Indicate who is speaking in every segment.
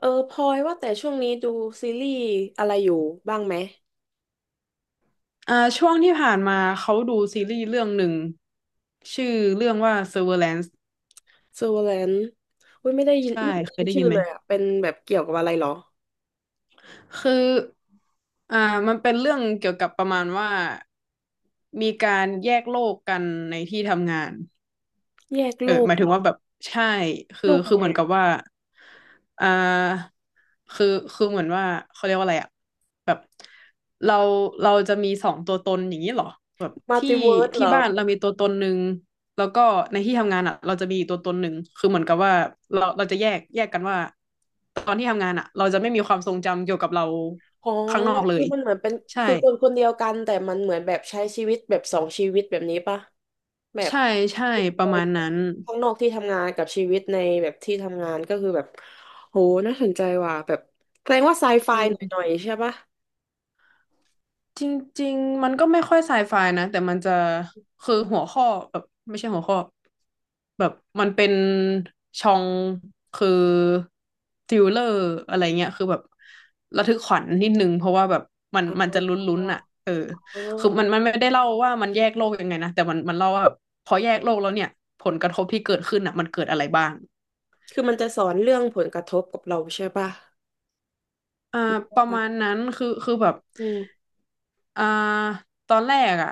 Speaker 1: เออพลอยว่าแต่ช่วงนี้ดูซีรีส์อะไรอยู่บ้างไหม
Speaker 2: ช่วงที่ผ่านมาเขาดูซีรีส์เรื่องหนึ่งชื่อเรื่องว่า Severance
Speaker 1: Servant อุ้ยไม่ได้ยิน
Speaker 2: ใช่
Speaker 1: ไม่เคยได้
Speaker 2: เค
Speaker 1: ยิ
Speaker 2: ย
Speaker 1: น
Speaker 2: ได้
Speaker 1: ชื่
Speaker 2: ยิ
Speaker 1: อ
Speaker 2: นไหม
Speaker 1: เลยอ่ะเป็นแบบเกี่ยวกับอะไรเหรอ
Speaker 2: คืออ่ามันเป็นเรื่องเกี่ยวกับประมาณว่ามีการแยกโลกกันในที่ทำงาน
Speaker 1: แยก
Speaker 2: เอ
Speaker 1: โล
Speaker 2: อห
Speaker 1: ก
Speaker 2: มาย
Speaker 1: เห
Speaker 2: ถึ
Speaker 1: ร
Speaker 2: ง
Speaker 1: อ
Speaker 2: ว่าแบบใช่คื
Speaker 1: โล
Speaker 2: อ
Speaker 1: กอะ
Speaker 2: คือ
Speaker 1: ไร
Speaker 2: เหมือน
Speaker 1: อะ
Speaker 2: กับว่าอ่าคือคือเหมือนว่าเขาเรียกว่าอะไรอะแบบเราเราจะมีสองตัวตนอย่างนี้เหรอแบบ
Speaker 1: มัล
Speaker 2: ที่
Speaker 1: ติเวิร์สเหร
Speaker 2: ที่
Speaker 1: อ
Speaker 2: บ้าน
Speaker 1: แบ
Speaker 2: เรา
Speaker 1: บ
Speaker 2: มีตัวตนหนึ่งแล้วก็ในที่ทำงานอะเราจะมีอีกตัวตนหนึ่งคือเหมือนกับว่าเราจะแยกกันว่าตอนที่ทำงานอะเราจะไม่มีความทรงจำเกี่ยวกับเรา
Speaker 1: อ๋อ
Speaker 2: ข้างนอกเล
Speaker 1: คือ
Speaker 2: ย
Speaker 1: มันเหมือนเป็น
Speaker 2: ใช่
Speaker 1: คือคนคนเดียวกันแต่มันเหมือนแบบใช้ชีวิตแบบสองชีวิตแบบนี้ปะแบบ
Speaker 2: ใช่ใช่ประมาณนั้น
Speaker 1: ข้างนอกที่ทำงานกับชีวิตในแบบที่ทำงานก็คือแบบโหน่าสนใจว่ะแบบแสดงว่าไซไฟหน
Speaker 2: เออ
Speaker 1: ่อยๆใช่ปะ
Speaker 2: จริงๆมันก็ไม่ค่อยไซไฟนะแต่มันจะคือหัวข้อแบบไม่ใช่หัวข้อแบบมันเป็นชองคือทริลเลอร์อะไรเงี้ยคือแบบระทึกขวัญนิดนึงเพราะว่าแบบมันจะลุ้นๆอ่ะเอ
Speaker 1: อ
Speaker 2: อ
Speaker 1: ๋อ
Speaker 2: คือมันไม่ได้เล่าว่ามันแยกโลกยังไงนะแต่มันเล่าว่าแบบพอแยกโลกแล้วเนี่ยผลกระทบที่เกิดขึ้นอ่ะมันเกิดอะไรบ้าง
Speaker 1: คือมันจะสอนเรื่องผลกระทบกับเราใช่ป่ะ
Speaker 2: อ่าประมาณนั้นคือแบบ
Speaker 1: อืม
Speaker 2: อ่าตอนแรกอ่ะ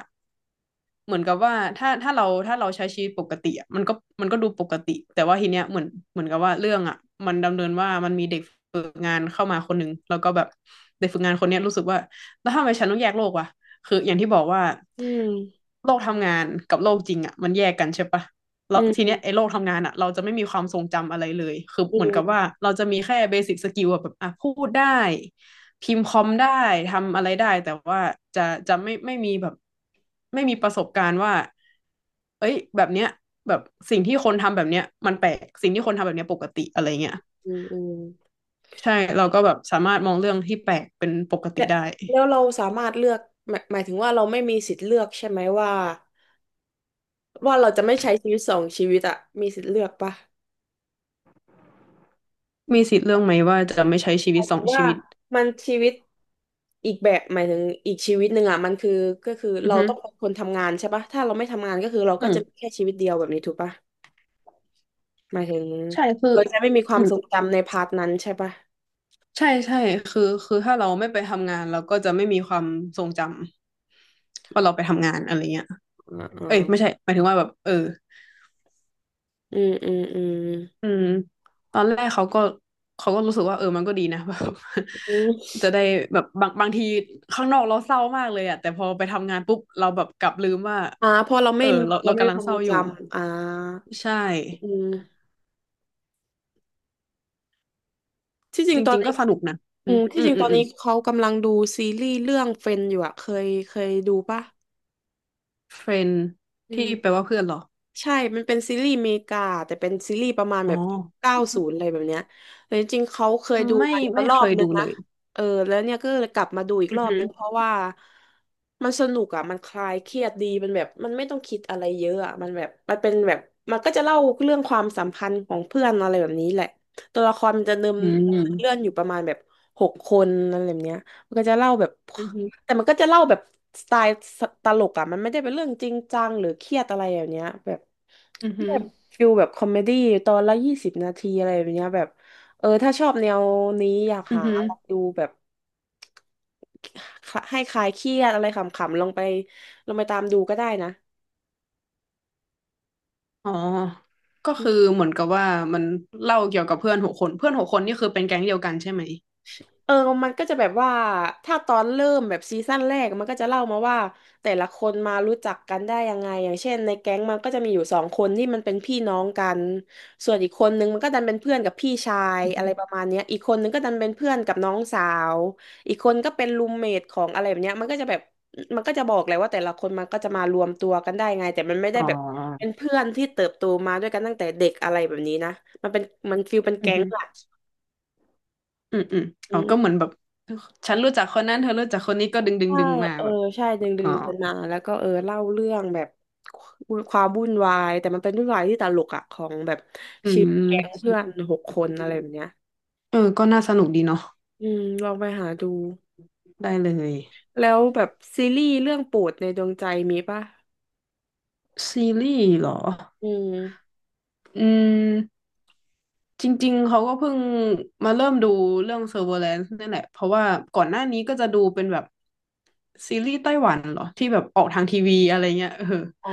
Speaker 2: เหมือนกับว่าถ้าเราใช้ชีวิตปกติอะมันก็ดูปกติแต่ว่าทีเนี้ยเหมือนกับว่าเรื่องอ่ะมันดำเนินว่ามันมีเด็กฝึกงานเข้ามาคนหนึ่งแล้วก็แบบเด็กฝึกงานคนเนี้ยรู้สึกว่าแล้วทำไมฉันต้องแยกโลกวะคืออย่างที่บอกว่า
Speaker 1: อืม
Speaker 2: โลกทำงานกับโลกจริงอ่ะมันแยกกันใช่ปะแล้
Speaker 1: อื
Speaker 2: วที
Speaker 1: ม
Speaker 2: เนี้ยไอ้โลกทำงานอ่ะเราจะไม่มีความทรงจำอะไรเลยคือ
Speaker 1: อื
Speaker 2: เหมือนกับว่า
Speaker 1: ม
Speaker 2: เราจะมีแค่เบสิ c สกิลแบบอ่ะพูดได้ พิมพ์คอมได้ทำอะไรได้แต่ว่าจะจะไม่มีแบบไม่มีประสบการณ์ว่าเอ้ยแบบเนี้ยแบบสิ่งที่คนทำแบบเนี้ยมันแปลกสิ่งที่คนทำแบบเนี้ยปกติอะไรเงี้ย
Speaker 1: อืมอืม
Speaker 2: ใช่เราก็แบบสามารถมองเรื่องที่แปลกเป็นปกติ
Speaker 1: และ
Speaker 2: ได้
Speaker 1: แล้วเราสามารถเลือกหมายถึงว่าเราไม่มีสิทธิ์เลือกใช่ไหมว่า ว่าเราจะไม่ใช้ชีวิตสองชีวิตอะมีสิทธิ์เลือกปะ
Speaker 2: มีสิทธิ์เรื่องไหมว่าจะไม่ใช้ชี
Speaker 1: ห
Speaker 2: วิ
Speaker 1: มา
Speaker 2: ต
Speaker 1: ย
Speaker 2: ส
Speaker 1: ถึ
Speaker 2: อ
Speaker 1: ง
Speaker 2: งชี
Speaker 1: ว่า
Speaker 2: วิต
Speaker 1: มันชีวิตอีกแบบหมายถึงอีกชีวิตหนึ่งอะมันคือก็คือ
Speaker 2: อือ
Speaker 1: เรา
Speaker 2: ฮึ
Speaker 1: ต้องเป็นคนทำงานใช่ปะถ้าเราไม่ทำงานก็คือเรา
Speaker 2: อื
Speaker 1: ก็จะมี
Speaker 2: ม
Speaker 1: แค่ชีวิตเดียวแบบนี้ถูกปะหมายถึง
Speaker 2: ใช่คือ
Speaker 1: เราจะไม่มีควา
Speaker 2: อื
Speaker 1: ม
Speaker 2: ม
Speaker 1: ทรงจำในพาร์ทนั้นใช่ปะ
Speaker 2: ใช่ใช่คือถ้าเราไม่ไปทำงานเราก็จะไม่มีความทรงจำว่าเราไปทำงานอะไรเงี้ย
Speaker 1: อ่าอ่า
Speaker 2: เอ้ยไม่ใช่หมายถึงว่าแบบเออ
Speaker 1: อืมอืมอืม
Speaker 2: อืมตอนแรกเขาก็รู้สึกว่าเออมันก็ดีนะ แบบ
Speaker 1: อืม
Speaker 2: จะได้แบบบางทีข้างนอกเราเศร้ามากเลยอะแต่พอไปทำงานปุ๊บเราแบบกลับลืมว่า
Speaker 1: อ่าพอเรา
Speaker 2: เอ
Speaker 1: ไม่
Speaker 2: อ
Speaker 1: มี
Speaker 2: เรา
Speaker 1: เรา
Speaker 2: เรา
Speaker 1: ไม่มี
Speaker 2: กำลั
Speaker 1: ค
Speaker 2: ง
Speaker 1: วาม
Speaker 2: เศ
Speaker 1: ทร
Speaker 2: ร้า
Speaker 1: ง
Speaker 2: อ
Speaker 1: จ
Speaker 2: ยู่
Speaker 1: ำอ่า
Speaker 2: ใช่
Speaker 1: อืมที่จริ
Speaker 2: จ
Speaker 1: งตอน
Speaker 2: ริงๆ
Speaker 1: นี้
Speaker 2: ก็สนุกนะ
Speaker 1: อื
Speaker 2: อืม
Speaker 1: มที่
Speaker 2: อื
Speaker 1: จ
Speaker 2: ม
Speaker 1: ริง
Speaker 2: อื
Speaker 1: ตอ
Speaker 2: ม
Speaker 1: น
Speaker 2: อื
Speaker 1: นี้
Speaker 2: ม
Speaker 1: เขากำลังดูซีรีส์เรื่องเฟนอยู่อะเคยดูปะ
Speaker 2: เฟรน
Speaker 1: อื
Speaker 2: ที่แปล
Speaker 1: ม
Speaker 2: ว่าเพื่อนเหรอ
Speaker 1: ใช่มันเป็นซีรีส์อเมริกาแต่เป็นซีรีส์ประมาณ
Speaker 2: อ๋
Speaker 1: แบ
Speaker 2: อ
Speaker 1: บ90อะไรแบบเนี้ยแต่จริงๆเขาเคยดู
Speaker 2: ไม่
Speaker 1: มาแล้ว
Speaker 2: ไม่
Speaker 1: รอ
Speaker 2: เค
Speaker 1: บ
Speaker 2: ย
Speaker 1: นึ
Speaker 2: ดู
Speaker 1: ง
Speaker 2: เล
Speaker 1: นะ
Speaker 2: ย
Speaker 1: เออแล้วเนี่ยก็เลยกลับมาดูอีก
Speaker 2: อื
Speaker 1: ร
Speaker 2: อ
Speaker 1: อบ
Speaker 2: หือ
Speaker 1: นึงเพราะว่ามันสนุกอ่ะมันคลายเครียดดีมันแบบมันไม่ต้องคิดอะไรเยอะอ่ะมันแบบมันเป็นแบบมันก็จะเล่าเรื่องความสัมพันธ์ของเพื่อนอะไรแบบนี้แหละตัวละครมันจะเนิม
Speaker 2: อื
Speaker 1: เรื่อ
Speaker 2: ม
Speaker 1: งอยู่ประมาณแบบหกคนอะไรแบบเนี้ยมันก็จะเล่าแบบ
Speaker 2: อือหือ
Speaker 1: แต่มันก็จะเล่าแบบสไตล์ตลกอ่ะมันไม่ได้เป็นเรื่องจริงจังหรือเครียดอะไรอย่างเนี้ยแบบ
Speaker 2: อือหื
Speaker 1: แบ
Speaker 2: อ
Speaker 1: บฟิลแบบคอมเมดี้ตอนละ20 นาทีอะไรแบบเนี้ยแบบเออถ้าชอบแนวนี้อยาก
Speaker 2: อือ
Speaker 1: หา
Speaker 2: หือ
Speaker 1: ลองดูแบบให้คลายเครียดอะไรขำๆลองไปตามดูก็ได้นะ
Speaker 2: อ๋อ ก็คือเหมือนกับว่ามันเล่าเกี่ยวกับเพื่อนหกคน เพื่อนหกคนนี่คือเป็นแก๊งเดียวกันใช่ไหม
Speaker 1: เออมันก็จะแบบว่าถ้าตอนเริ่มแบบซีซั่นแรกมันก็จะเล่ามาว่าแต่ละคนมารู้จักกันได้ยังไง อย่างเช่นในแก๊งมันก็จะมีอยู่สองคนที่มันเป็นพี่น้องกัน ส่วนอีกคนนึงมันก็ดันเป็นเพื่อนกับพี่ชาย
Speaker 2: อือ
Speaker 1: อะ
Speaker 2: ฮึ
Speaker 1: ไรประมาณเนี้ยอีกคนนึงก็ดันเป็นเพื่อนกับน้องสาว อีกคนก็เป็นรูมเมทของอะไรแบบเนี้ยมันก็จะแบบมันก็จะบอกเลยว่าแต่ละคนมันก็จะมารวมตัวกันได้ไงแต่มันไม่ได้
Speaker 2: อ๋
Speaker 1: แบบเป็น
Speaker 2: อ
Speaker 1: เพื่อนที่เติบโตมาด้วยกันตั้งแต่เด็กอะไรแบบนี้นะมันเป็นมันฟีลเป็น
Speaker 2: อื
Speaker 1: แก๊
Speaker 2: อ
Speaker 1: ง
Speaker 2: ฮึ
Speaker 1: อะ
Speaker 2: อืมอืมอ๋อก็เหมือนแบบฉันรู้จักคนนั้นเธอรู้จักคนนี้ก็ดึงดึง
Speaker 1: ใช่
Speaker 2: ดึงมา
Speaker 1: เออ
Speaker 2: แบบ
Speaker 1: ใช่ดึงดึ
Speaker 2: อ๋อ
Speaker 1: งกันมาแล้วก็เออเล่าเรื่องแบบความวุ่นวายแต่มันเป็นวุ่นวายที่ตลกอะของแบบ
Speaker 2: อื
Speaker 1: ชีวิตแก๊งเพื่
Speaker 2: ม
Speaker 1: อนหกคนอะไรแบบเนี้ย
Speaker 2: เออก็น่าสนุกดีเนาะ
Speaker 1: อืมลองไปหาดู
Speaker 2: ได้เลย
Speaker 1: แล้วแบบซีรีส์เรื่องโปรดในดวงใจมีป่ะ
Speaker 2: ซีรีส์เหรอ
Speaker 1: อืม
Speaker 2: อืม จริงๆ เขาก็เพิ่งมาเริ่มดูเรื่อง Severance นี่แหละ เพราะว่าก่อนหน้านี้ก็จะดูเป็นแบบซีรีส์ไต้หวันเหรอที่แบบออกทางทีวีอะไรเงี้ยเออ
Speaker 1: อ๋อ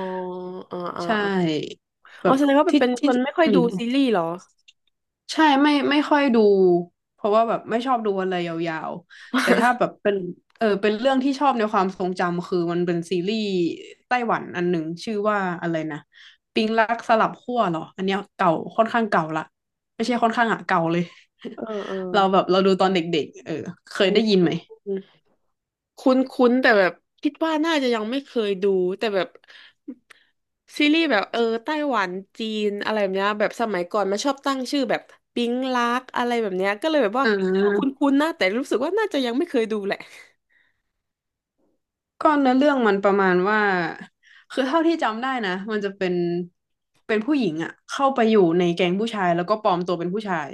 Speaker 1: อ๋ออ๋อ
Speaker 2: ใช
Speaker 1: อ๋อ
Speaker 2: ่แบ
Speaker 1: อ๋อ
Speaker 2: บ
Speaker 1: แสดงว่า
Speaker 2: ที่
Speaker 1: เป็นค
Speaker 2: ที่
Speaker 1: นไม่ค่อย
Speaker 2: อื
Speaker 1: ดู
Speaker 2: ม
Speaker 1: ซีรีส์เหรอ
Speaker 2: ใช่ไม่ค่อยดูเพราะว่าแบบไม่ชอบดูอะไรยาวๆแต่ถ้าแบบเป็นเออเป็นเรื่องที่ชอบในความทรงจำคือมันเป็นซีรีส์ไต้หวันอันหนึ่งชื่อว่าอะไรนะปิงรักสลับขั้วเหรออันเนี้ยเก่าค่อนข้างเก่าละไม่ใช่ค่อนข้างอะเก่าเลย
Speaker 1: เออเออ
Speaker 2: เราแบบเราดูตอนเด็กๆเออเคย
Speaker 1: อื
Speaker 2: ได้ยินไหม
Speaker 1: ม คุ้นๆแต่แบบคิดว่าน่าจะยังไม่เคยดูแต่แบบซีรีส์แบบเออไต้หวันจีนอะไรแบบเนี้ยแบบสมัยก่อนมันชอบตั้งชื่อแบบปิ๊งลักอะไรแบบเนี้ยก็เลยแบบว่า
Speaker 2: อ่
Speaker 1: ชื่อค
Speaker 2: า
Speaker 1: ุ้นๆนะแต่รู้สึกว่าน่าจะยังไม่เคยดูแหละ
Speaker 2: ก็เนื้อเรื่องมันประมาณว่าคือเท่าที่จำได้นะมันจะเป็นผู้หญิงอะเข้าไปอยู่ในแก๊งผู้ชายแล้วก็ปลอมตัวเป็นผู้ชาย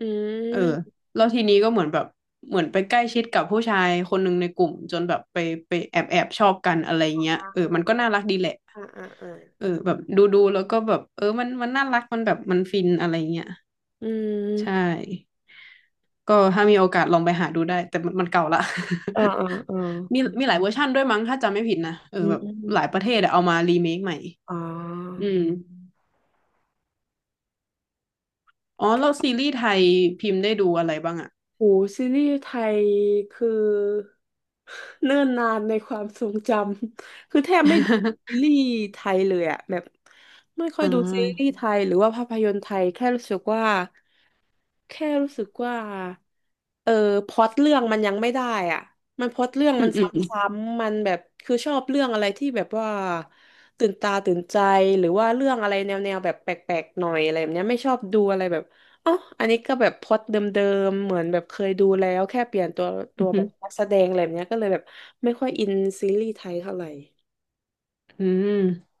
Speaker 1: อื
Speaker 2: เออ
Speaker 1: ม
Speaker 2: แล้วทีนี้ก็เหมือนแบบเหมือนไปใกล้ชิดกับผู้ชายคนหนึ่งในกลุ่มจนแบบไปแอบชอบกันอะไรเงี้ย
Speaker 1: อ่
Speaker 2: เออมันก็น่า
Speaker 1: า
Speaker 2: รักดีแหละ
Speaker 1: อ่าอ่าอ่า
Speaker 2: เออแบบดูแล้วก็แบบเออมันน่ารักมันแบบมันฟินอะไรเงี้ย
Speaker 1: อื
Speaker 2: ใช่
Speaker 1: ม
Speaker 2: ก็ถ้ามีโอกาสลองไปหาดูได้แต่มันเก่าละ
Speaker 1: อ่าอ่าอ่า
Speaker 2: มีหลายเวอร์ชั่นด้วยมั้งถ้าจำไม่ผิดนะเอ
Speaker 1: อื
Speaker 2: อแบบหลาย
Speaker 1: ม
Speaker 2: ประเทศอะเอามารีเมคใหม่
Speaker 1: อ๋อ
Speaker 2: อืมอ๋อแล้วซีรีส์ไทยพิมพ์ได้ดูอะไรบ้างอะ
Speaker 1: โอ้ซีรีส์ไทยคือเนิ่นนานในความทรงจำ คือแทบไม่ดูซี รีส์ไทยเลยอะแบบไม่ค่อ
Speaker 2: อ่
Speaker 1: ยดูซีรีส์
Speaker 2: า
Speaker 1: ไทยหรือว่าภาพยนตร์ไทยแค่รู้สึกว่าแค่รู้สึกว่า เออพล็อตเรื่องมันยังไม่ได้อ่ะมันพล็อตเรื่อง
Speaker 2: อื
Speaker 1: มั
Speaker 2: ม
Speaker 1: น
Speaker 2: อื
Speaker 1: ซ
Speaker 2: ม
Speaker 1: ้ำๆมันแบบคือชอบเรื่องอะไรที่แบบว่าตื่นตาตื่นใจหรือว่าเรื่องอะไรแนวๆแบบแปลกๆหน่อยอะไรแบบเนี้ยไม่ชอบดูอะไรแบบอ๋ออันนี้ก็แบบพล็อตเดิมๆเหมือนแบบเคยดูแล้วแค่เปลี่ยนตัวตั
Speaker 2: อื
Speaker 1: วแบบ
Speaker 2: ม
Speaker 1: นักแสดงอะไรแบบเนี้ยก็เลยแบบไม่ค่อยอินซีรีส์ไทยเท่าไหร่
Speaker 2: อืม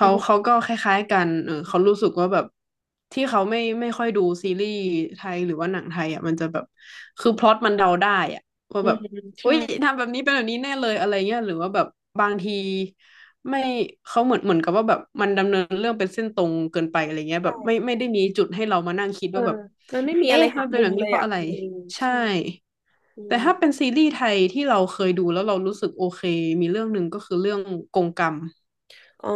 Speaker 1: แล้
Speaker 2: าเขา
Speaker 1: ว
Speaker 2: ก็คล้ายๆกันเออเขารู้สึกว่าแบบที่เขาไม่ค่อยดูซีรีส์ไทยหรือว่าหนังไทยอ่ะมันจะแบบคือพล็อตมันเดาได้อ่ะว่า
Speaker 1: อื
Speaker 2: แบ
Speaker 1: ม
Speaker 2: บอุ้
Speaker 1: ใช่
Speaker 2: ยทำแบบนี้เป็นแบบนี้แน่เลยอะไรเงี้ยหรือว่าแบบบางทีไม่เขาเหมือนกับว่าแบบมันดำเนินเรื่องเป็นเส้นตรงเกินไปอะไรเงี้ยแบ
Speaker 1: ใช่
Speaker 2: บไม่ได้มีจุดให้เรามานั่งคิด
Speaker 1: เออ
Speaker 2: ว่าแบบ
Speaker 1: มันไม่มีอะไร
Speaker 2: เอ๊ะ
Speaker 1: หั
Speaker 2: มั
Speaker 1: ก
Speaker 2: นเป็น
Speaker 1: มุ
Speaker 2: แบ
Speaker 1: ม
Speaker 2: บ
Speaker 1: เล
Speaker 2: นี้
Speaker 1: ย
Speaker 2: เพราะ
Speaker 1: อ่ะ
Speaker 2: อะไร
Speaker 1: อืม
Speaker 2: ใช่
Speaker 1: ใช่อื
Speaker 2: แต่
Speaker 1: ม
Speaker 2: ถ้าเป็นซีรีส์ไทยที่เราเคยดูแล้วเรารู้สึกโอเคมีเรื่องหนึ่งก็คือเรื่องกงกรรม
Speaker 1: อ๋อ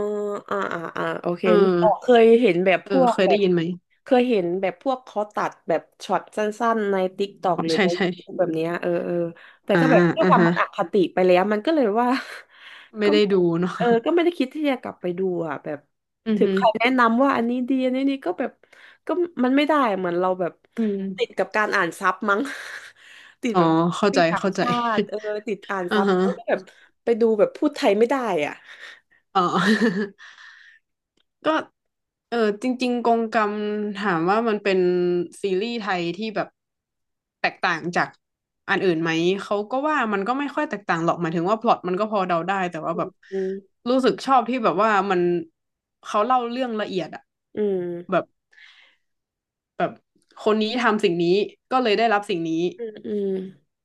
Speaker 1: อ่าอ่าอ่าโอเค
Speaker 2: เออ
Speaker 1: นึกออกเคยเห็นแบบ
Speaker 2: เอ
Speaker 1: พ
Speaker 2: อ
Speaker 1: วก
Speaker 2: เคย
Speaker 1: แบ
Speaker 2: ได้
Speaker 1: บ
Speaker 2: ยินไหม
Speaker 1: เคยเห็นแบบพวกเขาตัดแบบช็อตสั้นๆในติ๊กตอก
Speaker 2: อ๋อ
Speaker 1: หรือ
Speaker 2: ใช่
Speaker 1: ใน
Speaker 2: ใช่
Speaker 1: YouTube แบบเนี้ยเออเออแต่
Speaker 2: อ่า
Speaker 1: ก็แบบด้วย
Speaker 2: อ่า
Speaker 1: ความ
Speaker 2: ฮะ
Speaker 1: มันอคติไปแล้วมันก็เลยว่า
Speaker 2: ไม่
Speaker 1: ก็
Speaker 2: ได้ดูเนาะ
Speaker 1: เออก็ไม่ได้คิดที่จะกลับไปดูอ่ะแบบ
Speaker 2: อือ
Speaker 1: ถึง
Speaker 2: ฮึ
Speaker 1: ใครแนะนำว่าอันนี้ดีอันนี้นี่ก็แบบก็มันไม่ได้เหมือนเราแบบ
Speaker 2: อืม
Speaker 1: ติดกับการอ่านซับมั้ง ติด
Speaker 2: อ๋อ
Speaker 1: แบบ
Speaker 2: เข้า
Speaker 1: ติ
Speaker 2: ใจ
Speaker 1: ดต่าง
Speaker 2: เข้าใจ
Speaker 1: ชาติ เออติดอ่าน
Speaker 2: อ่า
Speaker 1: ซับ
Speaker 2: ฮะ
Speaker 1: แล้วก็แบบไปดูแบบพูดไทยไม่ได้อ่ะ
Speaker 2: อ๋อ ก็เออจริงๆกงกรรมถามว่ามันเป็นซีรีส์ไทยที่แบบแตกต่างจากอันอื่นไหมเขาก็ว่ามันก็ไม่ค่อยแตกต่างหรอกหมายถึงว่าพล็อตมันก็พอเดาได้แต่ว่าแบบ
Speaker 1: อืม
Speaker 2: รู้สึกชอบที่แบบว่ามันเขาเล่าเรื่องละเอียดอะ
Speaker 1: อื
Speaker 2: แบ
Speaker 1: ม
Speaker 2: บแบบคนนี้ทำสิ่งนี้ก็เลยได้รับสิ่งนี้
Speaker 1: อืมอืม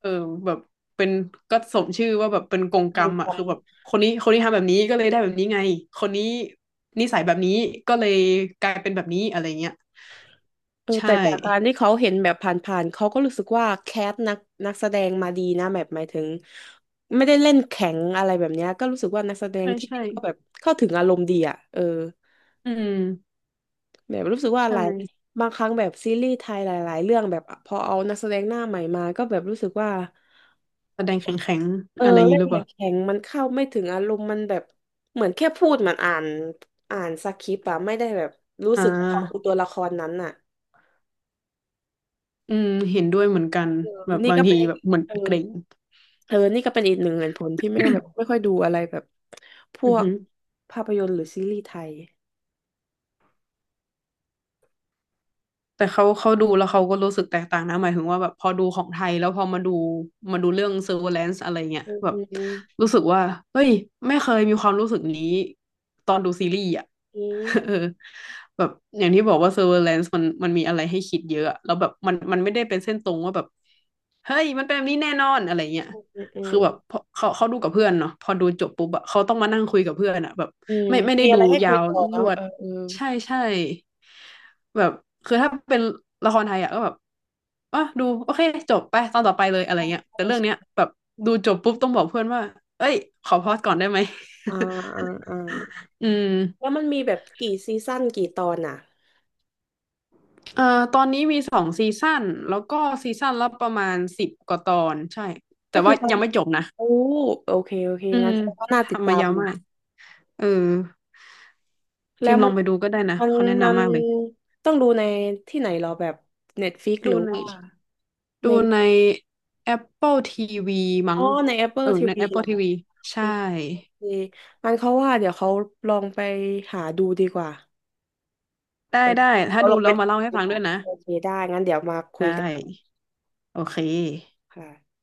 Speaker 2: เออแบบเป็นก็สมชื่อว่าแบบเป็นกงกร
Speaker 1: มี
Speaker 2: รม
Speaker 1: ค
Speaker 2: อ่ะ
Speaker 1: วา
Speaker 2: คือ
Speaker 1: ม
Speaker 2: แบบคนนี้ทำแบบนี้ก็เลยได้แบบนี้ไงคนนี้นิสัยแบบนี้ก็เลยกลายเป็นแบบนี้อะไรเงี้ย
Speaker 1: เออ
Speaker 2: ใช่
Speaker 1: แต่จากการที่เขาเห็นแบบผ่านๆเขาก็รู้สึกว่าแคสนักนักแสดงมาดีนะแบบหมายถึงไม่ได้เล่นแข็งอะไรแบบเนี้ยก็รู้สึกว่านักแสดง
Speaker 2: ใช่
Speaker 1: ที่
Speaker 2: ใช่
Speaker 1: เล่นก็แบบเข้าถึงอารมณ์ดีอ่ะเออ
Speaker 2: อืม
Speaker 1: แบบรู้สึกว่าห
Speaker 2: ใช่
Speaker 1: ลายบางครั้งแบบซีรีส์ไทยหลายๆเรื่องแบบพอเอานักแสดงหน้าใหม่มาก็แบบรู้สึกว่า
Speaker 2: แสดงแข็งแข็ง
Speaker 1: เออ
Speaker 2: อะไรอย่าง
Speaker 1: เล่
Speaker 2: นี้
Speaker 1: น
Speaker 2: หรือ
Speaker 1: แข
Speaker 2: เปล่า
Speaker 1: ็งๆมันเข้าไม่ถึงอารมณ์มันแบบเหมือนแค่พูดเหมือนอ่านสคริปต์อะไม่ได้แบบรู้
Speaker 2: อ่
Speaker 1: สึกขอบคุณ
Speaker 2: า
Speaker 1: ตัวละครนั้นอะ
Speaker 2: อืมเห็นด้วยเหมือนกัน
Speaker 1: เออ
Speaker 2: แบบ
Speaker 1: นี่
Speaker 2: บาง
Speaker 1: ก็
Speaker 2: ที
Speaker 1: เป็นอีก
Speaker 2: แบบเหมือน
Speaker 1: เออ
Speaker 2: เกรง
Speaker 1: เออนี่ก็เป็นอีกหนึ่งเหตุผลที่ไม่แบบไม่ค่อยดูอะไรแบบพ
Speaker 2: อื
Speaker 1: ว
Speaker 2: อ
Speaker 1: ก
Speaker 2: ฮึ
Speaker 1: ภาพยนตร์หรือซีรีส์ไทย
Speaker 2: แต่เขาดูแล้วเขาก็รู้สึกแตกต่างนะหมายถึงว่าแบบพอดูของไทยแล้วพอมาดูมาดูเรื่อง Surveillance อะไรเงี้ย
Speaker 1: อืม
Speaker 2: แบ
Speaker 1: อื
Speaker 2: บ
Speaker 1: ม
Speaker 2: รู้สึกว่าเฮ้ยไม่เคยมีความรู้สึกนี้ตอนดูซีรีส์อ่ะ
Speaker 1: อืม
Speaker 2: เออแบบอย่างที่บอกว่า Surveillance มันมีอะไรให้คิดเยอะอะแล้วแบบมันไม่ได้เป็นเส้นตรงว่าแบบเฮ้ยมันเป็นแบบนี้แน่นอนอะไรเงี้ย
Speaker 1: อืมอืม
Speaker 2: คือแบบพอเขาดูกับเพื่อนเนาะพอดูจบปุ๊บอะเขาต้องมานั่งคุยกับเพื่อนอะแบบ
Speaker 1: อืม
Speaker 2: ไม่ได้
Speaker 1: มีอะ
Speaker 2: ดู
Speaker 1: ไรให้คุ
Speaker 2: ยา
Speaker 1: ย
Speaker 2: ว
Speaker 1: ต่อ
Speaker 2: ร
Speaker 1: เนาะ
Speaker 2: ว
Speaker 1: เอ
Speaker 2: ด
Speaker 1: อเออ
Speaker 2: ใช่ใช่แบบคือถ้าเป็นละครไทยอ่ะก็แบบอ่ะดูโอเคจบไปตอนต่อไปเลยอะไรเงี้ย
Speaker 1: ใช่
Speaker 2: แต่เรื่องเนี้ย
Speaker 1: ใช่
Speaker 2: แบบดูจบปุ๊บต้องบอกเพื่อนว่าเอ้ยขอพอสก่อนได้ไหม
Speaker 1: อ่าอ่าอ่า
Speaker 2: อืม
Speaker 1: แล้วมันมีแบบกี่ซีซั่นกี่ตอนอ่ะ
Speaker 2: ตอนนี้มี2 ซีซั่นแล้วก็ซีซั่นละประมาณ10 กว่าตอนใช่
Speaker 1: ก็
Speaker 2: แต่
Speaker 1: คื
Speaker 2: ว่า
Speaker 1: อตอน
Speaker 2: ยังไม่จบนะ
Speaker 1: โอ้โอเค โอเค
Speaker 2: อื
Speaker 1: งั้
Speaker 2: ม
Speaker 1: นก็น่าติด
Speaker 2: ทำ
Speaker 1: ตา
Speaker 2: มา
Speaker 1: ม
Speaker 2: ยาว
Speaker 1: อยู่
Speaker 2: มากเออ
Speaker 1: แล้
Speaker 2: พิ
Speaker 1: ว
Speaker 2: มพ์ล
Speaker 1: มั
Speaker 2: อ
Speaker 1: น
Speaker 2: งไปดูก็ได้นะ
Speaker 1: มัน
Speaker 2: เขาแนะ
Speaker 1: มัน
Speaker 2: นำมากเลย
Speaker 1: ต้องดูในที่ไหนเหรอแบบ Netflix ห
Speaker 2: ดู
Speaker 1: รือ
Speaker 2: ใน
Speaker 1: ว่าใน
Speaker 2: ดูใน Apple TV มั้
Speaker 1: อ๋อ
Speaker 2: ง
Speaker 1: ใน
Speaker 2: เอ
Speaker 1: Apple
Speaker 2: อใน
Speaker 1: TV เหรอ
Speaker 2: Apple TV ใช่
Speaker 1: ดีงั้นเขาว่าเดี๋ยวเขาลองไปหาดูดีกว่า
Speaker 2: ได้
Speaker 1: เออ
Speaker 2: ได้ ถ้า
Speaker 1: เขาล
Speaker 2: ดู
Speaker 1: องไป
Speaker 2: แล้วมา
Speaker 1: ทำ
Speaker 2: เล่า
Speaker 1: ดี
Speaker 2: ให้
Speaker 1: ก
Speaker 2: ฟังด้
Speaker 1: ว่า
Speaker 2: วยนะ
Speaker 1: โอเคได้งั้นเดี๋ยวมาคุ
Speaker 2: ได้
Speaker 1: ยกัน
Speaker 2: โอเค
Speaker 1: ค่ะ